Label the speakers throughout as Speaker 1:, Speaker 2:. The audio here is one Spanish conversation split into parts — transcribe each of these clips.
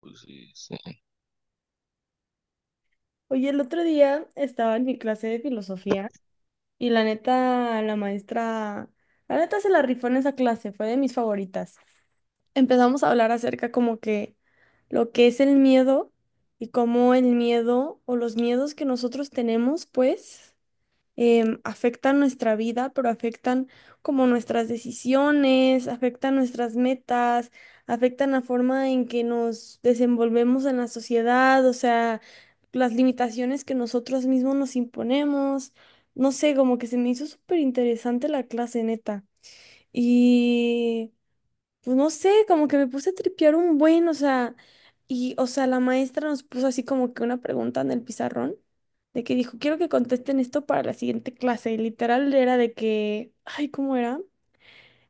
Speaker 1: Pues sí, sí.
Speaker 2: Oye, el otro día estaba en mi clase de filosofía y la neta, la maestra, la neta se la rifó en esa clase, fue de mis favoritas. Empezamos a hablar acerca como que lo que es el miedo y cómo el miedo o los miedos que nosotros tenemos, pues afectan nuestra vida, pero afectan como nuestras decisiones, afectan nuestras metas, afectan la forma en que nos desenvolvemos en la sociedad, o sea, las limitaciones que nosotros mismos nos imponemos. No sé, como que se me hizo súper interesante la clase, neta. Y pues no sé, como que me puse a tripear un buen, o sea, y, o sea, la maestra nos puso así como que una pregunta en el pizarrón, de que dijo, quiero que contesten esto para la siguiente clase, y literal era de que, ay, ¿cómo era?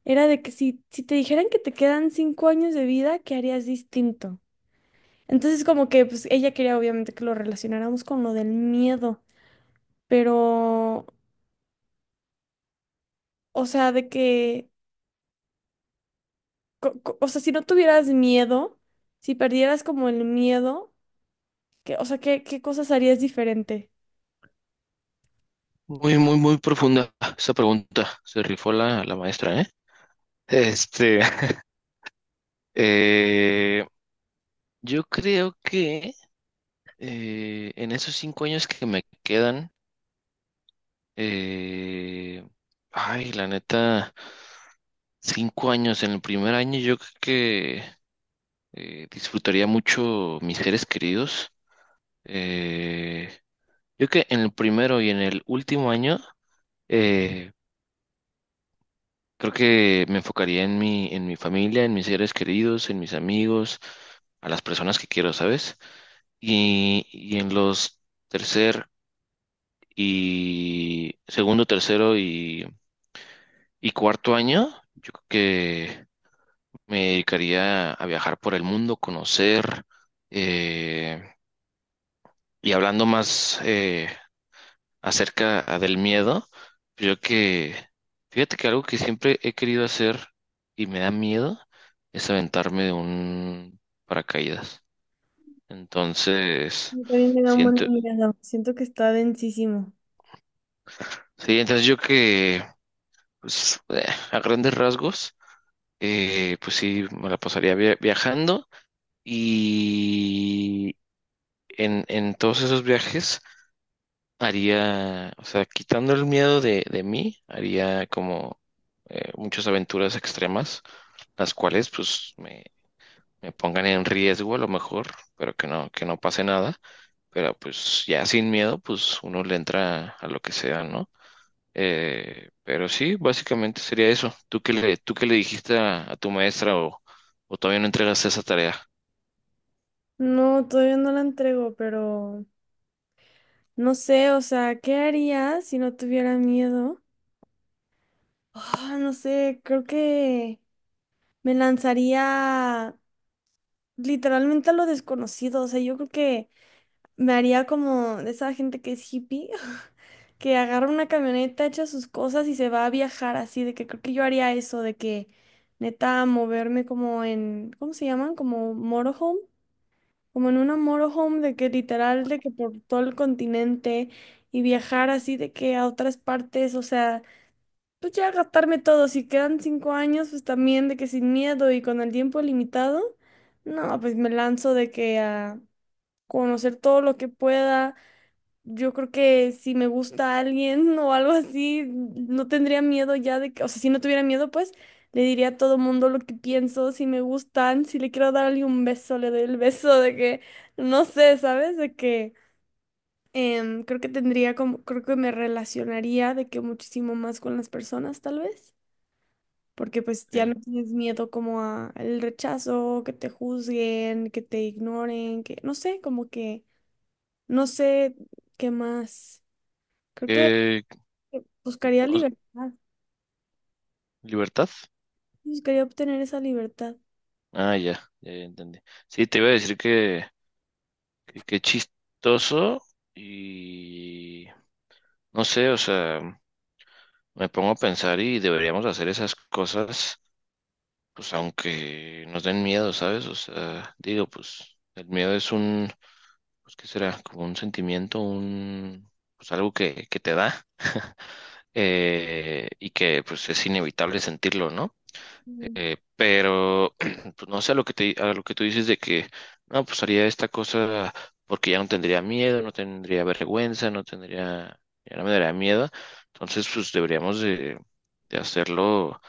Speaker 2: Era de que si, si te dijeran que te quedan cinco años de vida, ¿qué harías distinto? Entonces como que, pues ella quería obviamente que lo relacionáramos con lo del miedo, pero, o sea, de que, o sea, si no tuvieras miedo, si perdieras como el miedo. ¿Qué? O sea, ¿qué cosas harías diferente?
Speaker 1: Muy, muy, muy profunda esa pregunta. Se rifó la maestra, ¿eh? Este, eh, yo creo que en esos 5 años que me quedan, eh, ay, la neta, 5 años, en el primer año yo creo que disfrutaría mucho mis seres queridos. Eh, yo creo que en el primero y en el último año, eh, Creo que me enfocaría en mi familia, en mis seres queridos, en mis amigos, a las personas que quiero, ¿sabes? Y en los tercer y segundo, tercero y cuarto año, yo creo que me dedicaría a viajar por el mundo, conocer, eh, y hablando más, acerca del miedo, yo que, fíjate que algo que siempre he querido hacer y me da miedo es aventarme de un paracaídas. Entonces,
Speaker 2: Yo también me da un buen
Speaker 1: siento,
Speaker 2: de miedo. Siento que está densísimo.
Speaker 1: sí, entonces pues, a grandes rasgos, pues sí, me la pasaría viajando y en todos esos viajes haría, o sea, quitando el miedo de mí, haría como muchas aventuras extremas, las cuales pues me pongan en riesgo a lo mejor, pero que no pase nada. Pero pues ya sin miedo, pues uno le entra a lo que sea, ¿no? Pero sí, básicamente sería eso. ¿Tú qué le dijiste a tu maestra o todavía no entregaste esa tarea?
Speaker 2: No, todavía no la entrego, pero no sé, o sea, ¿qué haría si no tuviera miedo? Ah, no sé, creo que me lanzaría literalmente a lo desconocido, o sea, yo creo que me haría como de esa gente que es hippie. Que agarra una camioneta, echa sus cosas y se va a viajar así, de que creo que yo haría eso, de que neta moverme como en, ¿cómo se llaman? Como motorhome, como en una motorhome de que literal, de que por todo el continente y viajar así de que a otras partes, o sea, pues ya gastarme todo, si quedan cinco años, pues también de que sin miedo y con el tiempo limitado, no, pues me lanzo de que a conocer todo lo que pueda. Yo creo que si me gusta alguien o algo así, no tendría miedo ya de que, o sea, si no tuviera miedo, pues le diría a todo mundo lo que pienso, si me gustan, si le quiero darle un beso, le doy el beso de que, no sé, ¿sabes? De que creo que tendría como, creo que me relacionaría de que muchísimo más con las personas, tal vez, porque pues ya no
Speaker 1: ¿Qué?
Speaker 2: tienes miedo como a el rechazo, que te juzguen, que te ignoren, que, no sé, como que, no sé qué más. Creo que
Speaker 1: ¿Qué-
Speaker 2: buscaría
Speaker 1: o-
Speaker 2: libertad,
Speaker 1: ¿Libertad?
Speaker 2: buscaría obtener esa libertad.
Speaker 1: Ah, ya, ya ya entendí. Sí, te iba a decir que qué chistoso y no sé, o sea, me pongo a pensar y deberíamos hacer esas cosas, pues aunque nos den miedo, ¿sabes? O sea, digo, pues el miedo es un, pues ¿qué será? Como un sentimiento, un, pues algo que te da y que pues es inevitable sentirlo, ¿no?
Speaker 2: Mm.
Speaker 1: Pero, pues no sé, a lo que tú dices de que, no, pues haría esta cosa porque ya no tendría miedo, no tendría vergüenza, no tendría, ya no me daría miedo. Entonces, pues deberíamos de, hacerlo,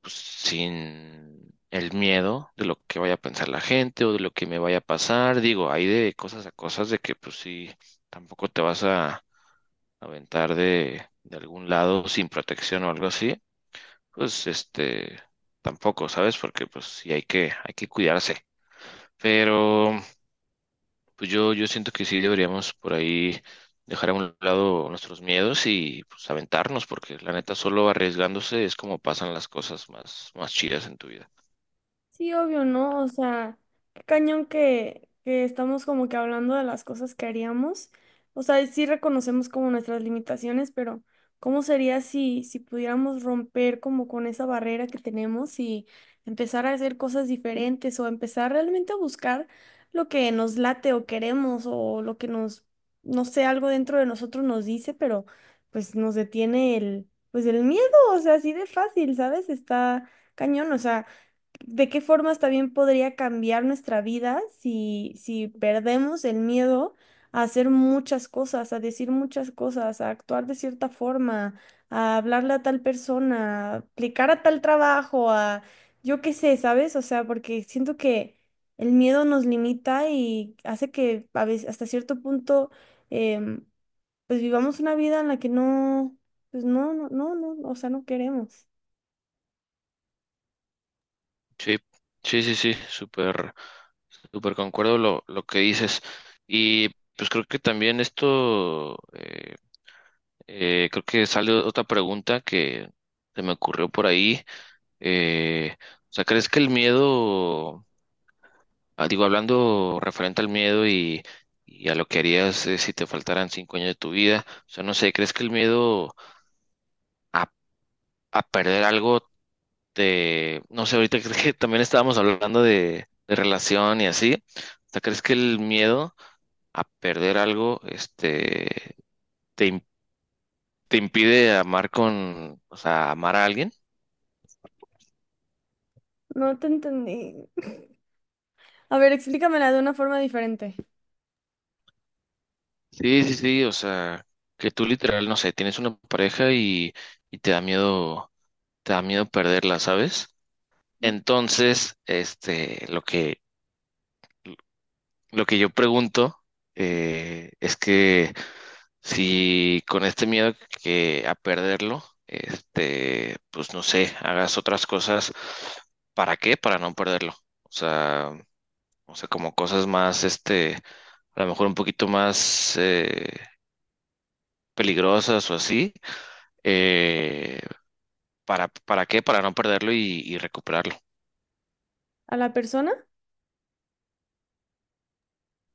Speaker 1: pues, sin el miedo de lo que vaya a pensar la gente o de lo que me vaya a pasar. Digo, hay de cosas a cosas de que, pues sí, tampoco te vas a aventar de algún lado sin protección o algo así pues este, tampoco, ¿sabes? Porque pues sí hay que cuidarse. Pero pues yo siento que sí deberíamos por ahí dejar a un lado nuestros miedos y pues aventarnos, porque la neta solo arriesgándose es como pasan las cosas más, más chidas en tu vida.
Speaker 2: Sí, obvio, ¿no? O sea, qué cañón que estamos como que hablando de las cosas que haríamos. O sea, y sí reconocemos como nuestras limitaciones, pero ¿cómo sería si, si pudiéramos romper como con esa barrera que tenemos y empezar a hacer cosas diferentes o empezar realmente a buscar lo que nos late o queremos o lo que nos, no sé, algo dentro de nosotros nos dice, pero pues nos detiene el, pues el miedo, o sea, así de fácil, ¿sabes? Está cañón, o sea. ¿De qué formas también podría cambiar nuestra vida si, si perdemos el miedo a hacer muchas cosas, a decir muchas cosas, a actuar de cierta forma, a hablarle a tal persona, a aplicar a tal trabajo, a yo qué sé, ¿sabes? O sea, porque siento que el miedo nos limita y hace que a veces hasta cierto punto em, pues vivamos una vida en la que no, pues no, no, no, no, o sea, no queremos.
Speaker 1: Sí, sí, sí, sí, súper, súper concuerdo lo que dices. Y pues creo que también esto, creo que sale otra pregunta que se me ocurrió por ahí O sea, ¿crees que el miedo, digo, hablando referente al miedo y a lo que harías si te faltaran 5 años de tu vida, o sea, no sé, ¿crees que el miedo a, a perder algo te, no sé, ahorita creo que también estábamos hablando de relación y así, o sea, ¿crees que el miedo a perder algo, este, te, im- te impide amar con, o sea, amar a alguien?
Speaker 2: No te entendí. A ver, explícamela de una forma diferente.
Speaker 1: Sí, sí, sí, o sea, que tú literal, no sé, tienes una pareja y te da miedo perderla, ¿sabes? Entonces, este, lo que yo pregunto es que si con este miedo que a perderlo, este, pues no sé, hagas otras cosas, ¿para qué? Para no perderlo. O sea, o sea, como cosas más, este, a lo mejor un poquito más peligrosas o así eh, ¿para qué? Para no perderlo y recuperarlo.
Speaker 2: ¿A la persona?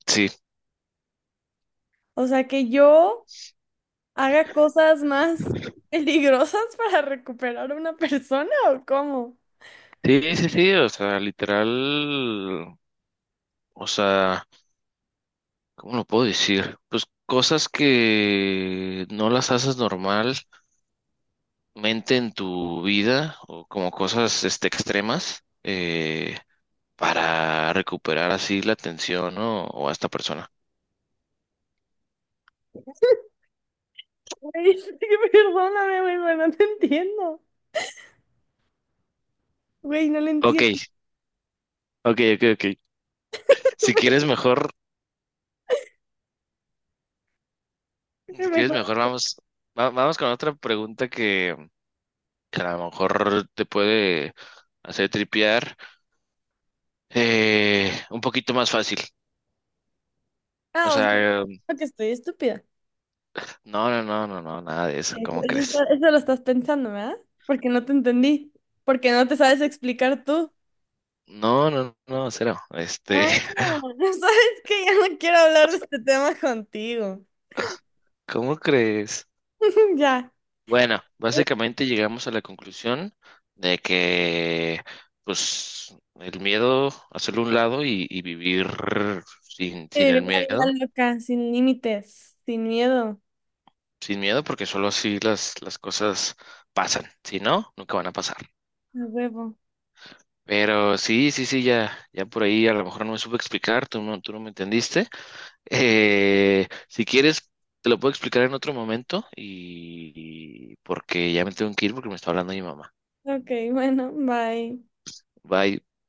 Speaker 1: Sí,
Speaker 2: O sea, que yo haga cosas más peligrosas para recuperar a una persona, ¿o cómo?
Speaker 1: sí, sí, sí, o sea, literal, o sea, ¿cómo lo puedo decir? Pues cosas que no las haces normalmente en tu vida o como cosas extremas para recuperar así la atención, ¿no? O a esta persona.
Speaker 2: Güey, es que perdóname, güey, pero no te entiendo. Güey, no le
Speaker 1: Ok,
Speaker 2: entiendo.
Speaker 1: ok, ok, ok. Si quieres mejor, si quieres
Speaker 2: Mejor.
Speaker 1: mejor, vamos con otra pregunta que a lo mejor te puede hacer tripear un poquito más fácil. O
Speaker 2: Ah, o sea,
Speaker 1: sea,
Speaker 2: creo que estoy estúpida.
Speaker 1: no, no, no, no, no, nada de eso,
Speaker 2: Pues
Speaker 1: ¿cómo
Speaker 2: eso,
Speaker 1: crees?
Speaker 2: eso lo estás pensando, ¿verdad? Porque no te entendí. Porque no te sabes explicar tú.
Speaker 1: No, no, no, cero. Este,
Speaker 2: Ah, ¿sabes que Ya no quiero hablar de este tema contigo.
Speaker 1: ¿cómo crees?
Speaker 2: Ya.
Speaker 1: Bueno, básicamente llegamos a la conclusión de que, pues, el miedo, hacerlo a un lado y vivir sin el
Speaker 2: Vivir la vida
Speaker 1: miedo,
Speaker 2: loca, sin límites, sin miedo.
Speaker 1: sin miedo, porque solo así las cosas pasan. Si no, nunca van a pasar.
Speaker 2: A huevo.
Speaker 1: Pero sí, sí, sí, ya, ya por ahí a lo mejor no me supe explicar, tú no me entendiste. Si quieres, te lo puedo explicar en otro momento y porque ya me tengo que ir porque me está hablando mi mamá.
Speaker 2: Ok, bueno, bye.
Speaker 1: Bye.